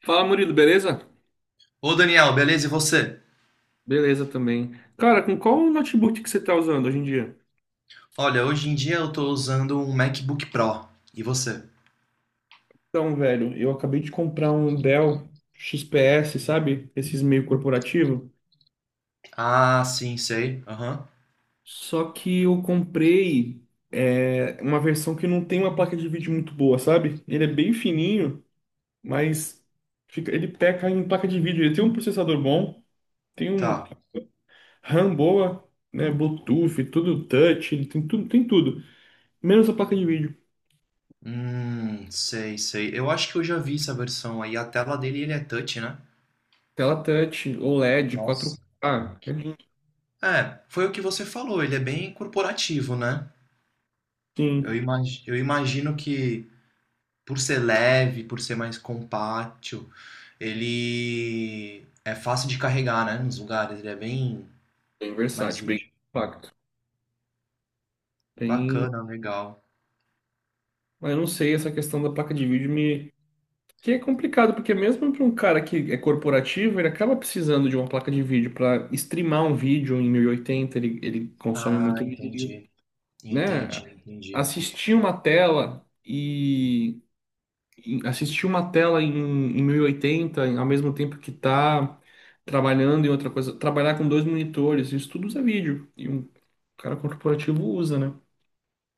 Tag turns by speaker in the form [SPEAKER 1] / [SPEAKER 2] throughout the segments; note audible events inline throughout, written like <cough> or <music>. [SPEAKER 1] Fala, Murilo, beleza?
[SPEAKER 2] Ô Daniel, beleza? E você?
[SPEAKER 1] Beleza também. Cara, com qual notebook que você tá usando hoje em dia?
[SPEAKER 2] Olha, hoje em dia eu tô usando um MacBook Pro. E você?
[SPEAKER 1] Então, velho, eu acabei de comprar um Dell XPS, sabe? Esses meio corporativo.
[SPEAKER 2] Ah, sim, sei. Aham.
[SPEAKER 1] Só que eu comprei uma versão que não tem uma placa de vídeo muito boa, sabe? Ele é bem fininho, mas ele peca em placa de vídeo. Ele tem um processador bom, tem um
[SPEAKER 2] Tá.
[SPEAKER 1] RAM boa, né? Bluetooth, tudo touch, ele tem tudo, tem tudo. Menos a placa de vídeo.
[SPEAKER 2] Sei, sei. Eu acho que eu já vi essa versão aí. A tela dele, ele é touch, né?
[SPEAKER 1] Tela touch, OLED, quatro
[SPEAKER 2] Nossa.
[SPEAKER 1] k É lindo.
[SPEAKER 2] É, foi o que você falou. Ele é bem corporativo, né? Eu
[SPEAKER 1] Sim.
[SPEAKER 2] imagi- eu imagino que por ser leve, por ser mais compacto, ele é fácil de carregar, né? Nos lugares. Ele é bem
[SPEAKER 1] Bem
[SPEAKER 2] mais
[SPEAKER 1] versátil, bem
[SPEAKER 2] útil.
[SPEAKER 1] compacto. Tem...
[SPEAKER 2] Bacana, legal.
[SPEAKER 1] Mas eu não sei, essa questão da placa de vídeo me... Que é complicado, porque mesmo para um cara que é corporativo, ele acaba precisando de uma placa de vídeo para streamar um vídeo em 1080. Ele consome
[SPEAKER 2] Ah,
[SPEAKER 1] muito vídeo,
[SPEAKER 2] entendi.
[SPEAKER 1] né?
[SPEAKER 2] Entendi, entendi.
[SPEAKER 1] Assistir uma tela e assistir uma tela em 1080, ao mesmo tempo que tá trabalhando em outra coisa, trabalhar com dois monitores, isso tudo usa vídeo. O cara corporativo usa, né?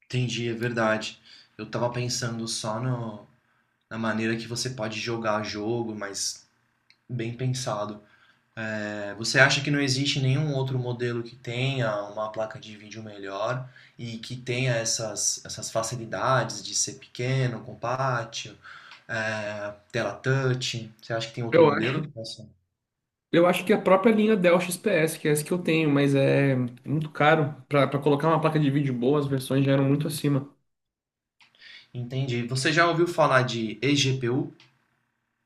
[SPEAKER 2] Entendi, é verdade. Eu tava pensando só no, na maneira que você pode jogar jogo, mas bem pensado. É, você acha que não existe nenhum outro modelo que tenha uma placa de vídeo melhor e que tenha essas facilidades de ser pequeno, compacto, tela touch? Você acha que tem outro
[SPEAKER 1] Eu
[SPEAKER 2] modelo
[SPEAKER 1] acho,
[SPEAKER 2] que possa?
[SPEAKER 1] eu acho que a própria linha Dell XPS, que é essa que eu tenho, mas é muito caro. Pra colocar uma placa de vídeo boa, as versões já eram muito acima.
[SPEAKER 2] Entendi. Você já ouviu falar de eGPU?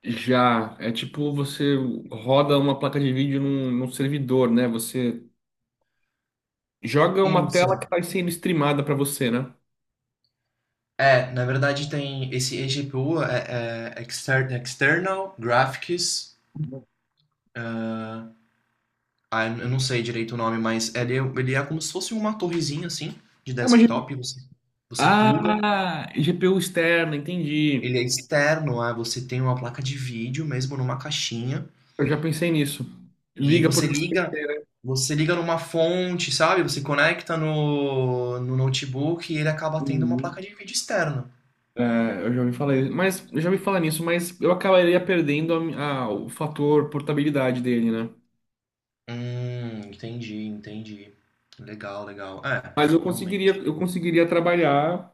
[SPEAKER 1] Já, é tipo você roda uma placa de vídeo num servidor, né? Você joga uma tela que
[SPEAKER 2] Isso.
[SPEAKER 1] está sendo streamada para você, né?
[SPEAKER 2] É, na verdade tem esse eGPU, External Graphics, ah, eu não sei direito o nome, mas ele é como se fosse uma torrezinha assim, de
[SPEAKER 1] É uma GPU.
[SPEAKER 2] desktop, você pluga,
[SPEAKER 1] Ah, GPU externa, entendi.
[SPEAKER 2] ele é externo, ah, você tem uma placa de vídeo mesmo numa caixinha,
[SPEAKER 1] Eu já pensei nisso.
[SPEAKER 2] e
[SPEAKER 1] Liga por USB, né?
[SPEAKER 2] você liga numa fonte, sabe? Você conecta no notebook e ele acaba tendo uma placa
[SPEAKER 1] Uhum.
[SPEAKER 2] de vídeo externa.
[SPEAKER 1] É, eu já me falei, mas eu já me falar nisso, mas eu acabaria perdendo o fator portabilidade dele, né?
[SPEAKER 2] Entendi, entendi. Legal, legal. É,
[SPEAKER 1] Mas eu conseguiria,
[SPEAKER 2] realmente.
[SPEAKER 1] eu conseguiria trabalhar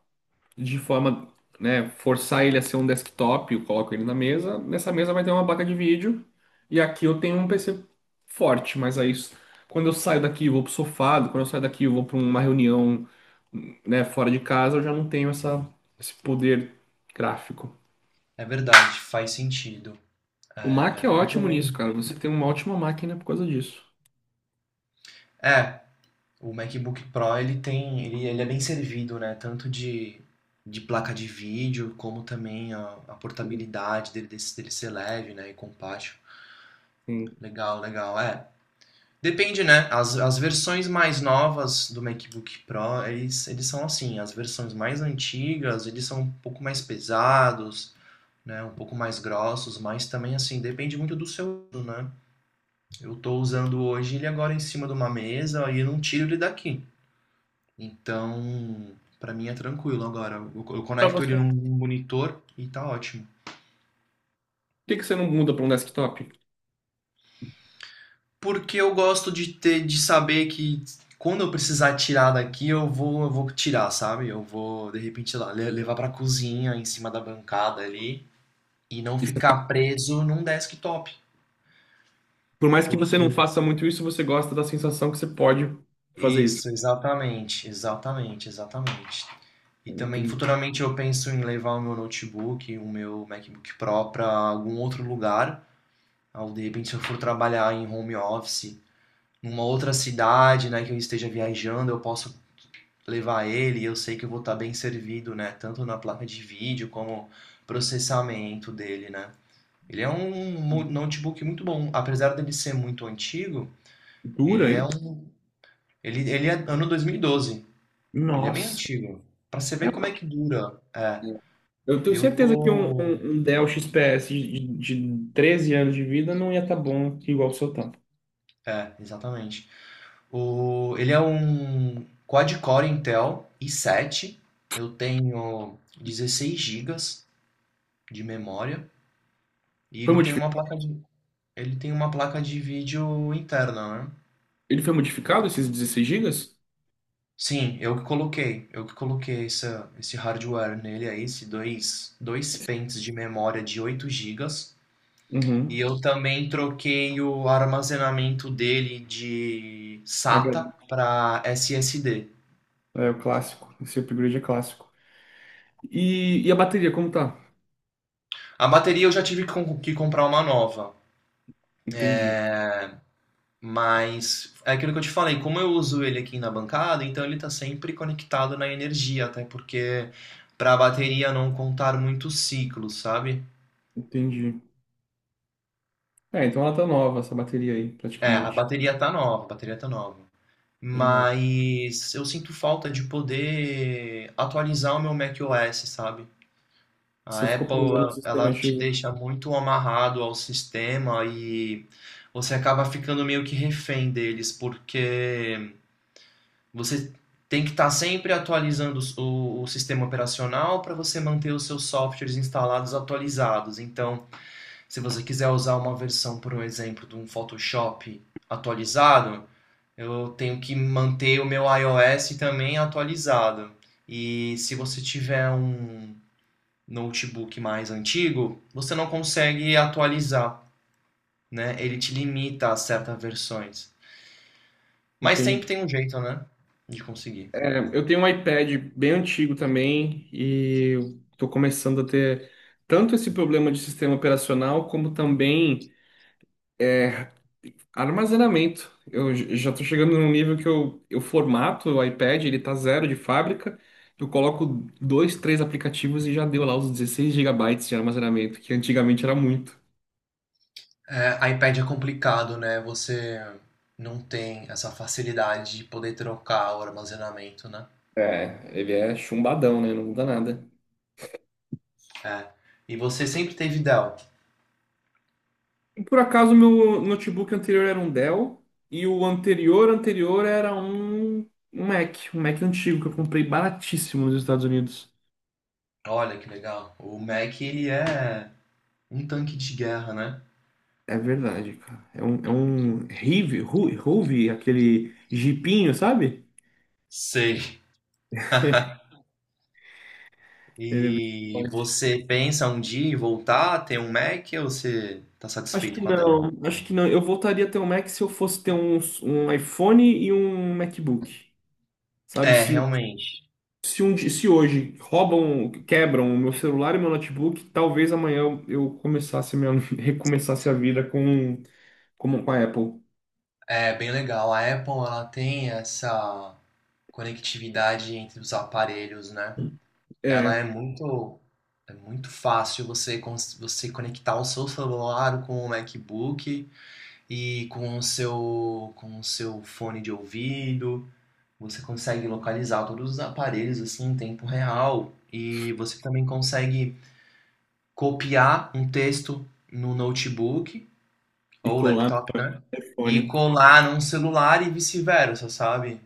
[SPEAKER 1] de forma, né, forçar ele a ser um desktop, eu coloco ele na mesa, nessa mesa vai ter uma placa de vídeo e aqui eu tenho um PC forte, mas aí quando eu saio daqui eu vou pro sofá, quando eu saio daqui eu vou para uma reunião, né, fora de casa, eu já não tenho essa, esse poder gráfico.
[SPEAKER 2] É verdade, faz sentido.
[SPEAKER 1] O Mac é
[SPEAKER 2] É, eu
[SPEAKER 1] ótimo nisso,
[SPEAKER 2] também.
[SPEAKER 1] cara. Você tem uma ótima máquina por causa disso.
[SPEAKER 2] É, o MacBook Pro ele é bem servido, né? Tanto de placa de vídeo, como também a portabilidade dele ser leve, né? E compacto.
[SPEAKER 1] Sim.
[SPEAKER 2] Legal, legal. É. Depende, né? As versões mais novas do MacBook Pro, eles são assim. As versões mais antigas, eles são um pouco mais pesados, né? Um pouco mais grossos, mas também assim, depende muito do seu uso, né? Eu estou usando hoje ele agora em cima de uma mesa e eu não tiro ele daqui. Então, para mim é tranquilo agora. Eu
[SPEAKER 1] Pra
[SPEAKER 2] conecto
[SPEAKER 1] você,
[SPEAKER 2] ele
[SPEAKER 1] por
[SPEAKER 2] num monitor e tá ótimo.
[SPEAKER 1] que que você não muda para um desktop?
[SPEAKER 2] Porque eu gosto de ter, de saber que quando eu precisar tirar daqui, eu vou tirar, sabe? Eu vou, de repente, lá, levar pra cozinha, em cima da bancada ali, e não
[SPEAKER 1] Isso-
[SPEAKER 2] ficar preso num desktop.
[SPEAKER 1] Por mais que você
[SPEAKER 2] Porque
[SPEAKER 1] não faça muito isso, você gosta da sensação que você pode fazer isso.
[SPEAKER 2] Isso, exatamente, exatamente, exatamente. E também
[SPEAKER 1] Entendi.
[SPEAKER 2] futuramente eu penso em levar o meu notebook, o meu MacBook Pro para algum outro lugar. Ao de repente, se eu for trabalhar em home office, numa outra cidade, né, que eu esteja viajando, eu posso levar ele e eu sei que eu vou estar bem servido, né, tanto na placa de vídeo como processamento dele, né. Ele é um notebook muito bom, apesar dele ser muito antigo,
[SPEAKER 1] Dura
[SPEAKER 2] ele é
[SPEAKER 1] ele?
[SPEAKER 2] um ele é ano 2012. Ele é bem
[SPEAKER 1] Nossa,
[SPEAKER 2] antigo. Pra você
[SPEAKER 1] é
[SPEAKER 2] ver como é
[SPEAKER 1] ótimo.
[SPEAKER 2] que dura. É,
[SPEAKER 1] Eu tenho
[SPEAKER 2] eu
[SPEAKER 1] certeza que um,
[SPEAKER 2] tô.
[SPEAKER 1] um, um Dell XPS de 13 anos de vida não ia estar bom igual o seu tanto.
[SPEAKER 2] É, exatamente. O... Ele é um quad-core Intel i7. Eu tenho 16 gigas de memória. E
[SPEAKER 1] Foi
[SPEAKER 2] ele tem
[SPEAKER 1] modifi-
[SPEAKER 2] uma placa de... ele tem uma placa de vídeo interna, né?
[SPEAKER 1] Ele foi modificado, esses 16 gigas?
[SPEAKER 2] Sim, eu que coloquei. Eu que coloquei esse hardware nele aí, esse dois pentes de memória de 8 gigas.
[SPEAKER 1] Uhum.
[SPEAKER 2] E eu também troquei o armazenamento dele de
[SPEAKER 1] HD.
[SPEAKER 2] SATA para SSD.
[SPEAKER 1] É o clássico. Esse upgrade é clássico. E a bateria, como tá?
[SPEAKER 2] A bateria eu já tive que comprar uma nova,
[SPEAKER 1] Entendi,
[SPEAKER 2] mas é aquilo que eu te falei, como eu uso ele aqui na bancada, então ele está sempre conectado na energia, até porque para a bateria não contar muitos ciclos, sabe?
[SPEAKER 1] entendi. É, então ela tá nova, essa bateria aí,
[SPEAKER 2] É, a
[SPEAKER 1] praticamente.
[SPEAKER 2] bateria tá nova, a bateria tá nova.
[SPEAKER 1] Legal.
[SPEAKER 2] Mas eu sinto falta de poder atualizar o meu macOS, sabe?
[SPEAKER 1] Você
[SPEAKER 2] A
[SPEAKER 1] ficou
[SPEAKER 2] Apple,
[SPEAKER 1] preso no
[SPEAKER 2] ela
[SPEAKER 1] sistema
[SPEAKER 2] ela te
[SPEAKER 1] antigo.
[SPEAKER 2] deixa muito amarrado ao sistema e você acaba ficando meio que refém deles, porque você tem que estar sempre atualizando o sistema operacional para você manter os seus softwares instalados atualizados. Então, se você quiser usar uma versão, por um exemplo, de um Photoshop atualizado, eu tenho que manter o meu iOS também atualizado. E se você tiver um notebook mais antigo, você não consegue atualizar, né? Ele te limita a certas versões. Mas
[SPEAKER 1] Entendi.
[SPEAKER 2] sempre tem um jeito, né? De conseguir.
[SPEAKER 1] É, eu tenho um iPad bem antigo também e estou começando a ter tanto esse problema de sistema operacional como também é, armazenamento. Eu já estou chegando num nível que eu formato o iPad, ele tá zero de fábrica, eu coloco dois, três aplicativos e já deu lá os 16 gigabytes de armazenamento, que antigamente era muito.
[SPEAKER 2] É, iPad é complicado, né? Você não tem essa facilidade de poder trocar o armazenamento, né?
[SPEAKER 1] É, ele é chumbadão, né? Não muda nada.
[SPEAKER 2] É. E você sempre teve Dell.
[SPEAKER 1] Por acaso, meu notebook anterior era um Dell e o anterior anterior era um Mac, um Mac antigo que eu comprei baratíssimo nos Estados Unidos.
[SPEAKER 2] Olha que legal. O Mac, ele é um tanque de guerra, né?
[SPEAKER 1] É verdade, cara. É um Rive, Ruve, aquele jipinho, sabe?
[SPEAKER 2] Sei. E
[SPEAKER 1] Forte.
[SPEAKER 2] você pensa um dia em voltar a ter um Mac ou você tá
[SPEAKER 1] Acho que
[SPEAKER 2] satisfeito com a Dell?
[SPEAKER 1] não, acho que não. Eu voltaria a ter um Mac se eu fosse ter um iPhone e um MacBook, sabe?
[SPEAKER 2] É,
[SPEAKER 1] Se,
[SPEAKER 2] realmente.
[SPEAKER 1] se hoje roubam, quebram o meu celular e meu notebook, talvez amanhã eu <laughs> recomeçasse a vida com, a Apple.
[SPEAKER 2] É bem legal. A Apple, ela tem essa conectividade entre os aparelhos, né? Ela
[SPEAKER 1] É,
[SPEAKER 2] é muito fácil você conectar o seu celular com o MacBook e com o seu fone de ouvido. Você consegue localizar todos os aparelhos assim em tempo real. E você também consegue copiar um texto no notebook
[SPEAKER 1] e
[SPEAKER 2] ou
[SPEAKER 1] colar no
[SPEAKER 2] laptop, né? E
[SPEAKER 1] telefone.
[SPEAKER 2] colar num celular e vice-versa, sabe?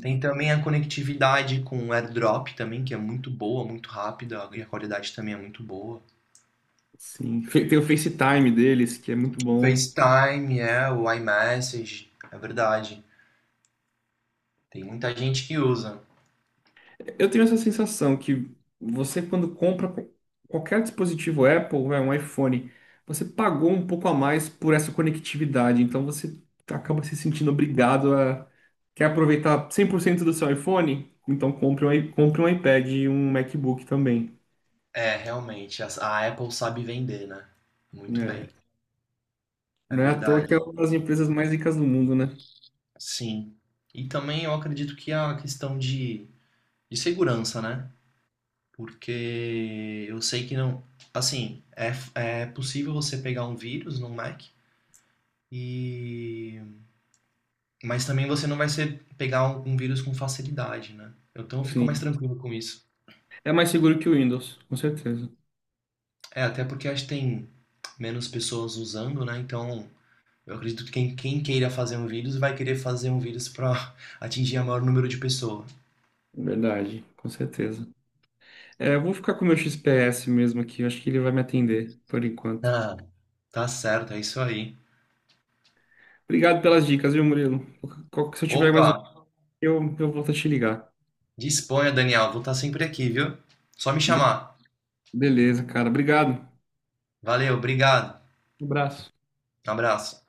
[SPEAKER 2] Tem também a conectividade com o AirDrop também, que é muito boa, muito rápida, e a qualidade também é muito boa.
[SPEAKER 1] sim. Tem o FaceTime deles, que é muito bom.
[SPEAKER 2] FaceTime, é, o iMessage, é verdade. Tem muita gente que usa.
[SPEAKER 1] Eu tenho essa sensação que você, quando compra qualquer dispositivo Apple, vai, um iPhone, você pagou um pouco a mais por essa conectividade. Então você acaba se sentindo obrigado a. Quer aproveitar 100% do seu iPhone? Então compre um iPad e um MacBook também.
[SPEAKER 2] É, realmente, a Apple sabe vender, né? Muito bem,
[SPEAKER 1] É.
[SPEAKER 2] é
[SPEAKER 1] Não é à toa que é
[SPEAKER 2] verdade.
[SPEAKER 1] uma das empresas mais ricas do mundo, né?
[SPEAKER 2] Sim. E também eu acredito que a questão de segurança, né? Porque eu sei que não. Assim, é, é possível você pegar um vírus no Mac e. Mas também você não vai ser pegar um, um vírus com facilidade, né? Então eu fico mais
[SPEAKER 1] Sim.
[SPEAKER 2] tranquilo com isso.
[SPEAKER 1] É mais seguro que o Windows, com certeza.
[SPEAKER 2] É, até porque acho que tem menos pessoas usando, né? Então eu acredito que quem, quem queira fazer um vírus vai querer fazer um vírus para <laughs> atingir o maior número de pessoas.
[SPEAKER 1] Verdade, com certeza. É, eu vou ficar com o meu XPS mesmo aqui, eu acho que ele vai me atender por enquanto.
[SPEAKER 2] Ah, tá certo, é isso aí.
[SPEAKER 1] Obrigado pelas dicas, viu, Murilo? Se eu tiver mais
[SPEAKER 2] Opa,
[SPEAKER 1] um, eu volto a te ligar.
[SPEAKER 2] disponha, Daniel. Vou estar sempre aqui, viu? Só me chamar.
[SPEAKER 1] Beleza, cara. Obrigado.
[SPEAKER 2] Valeu, obrigado.
[SPEAKER 1] Um abraço.
[SPEAKER 2] Abraço.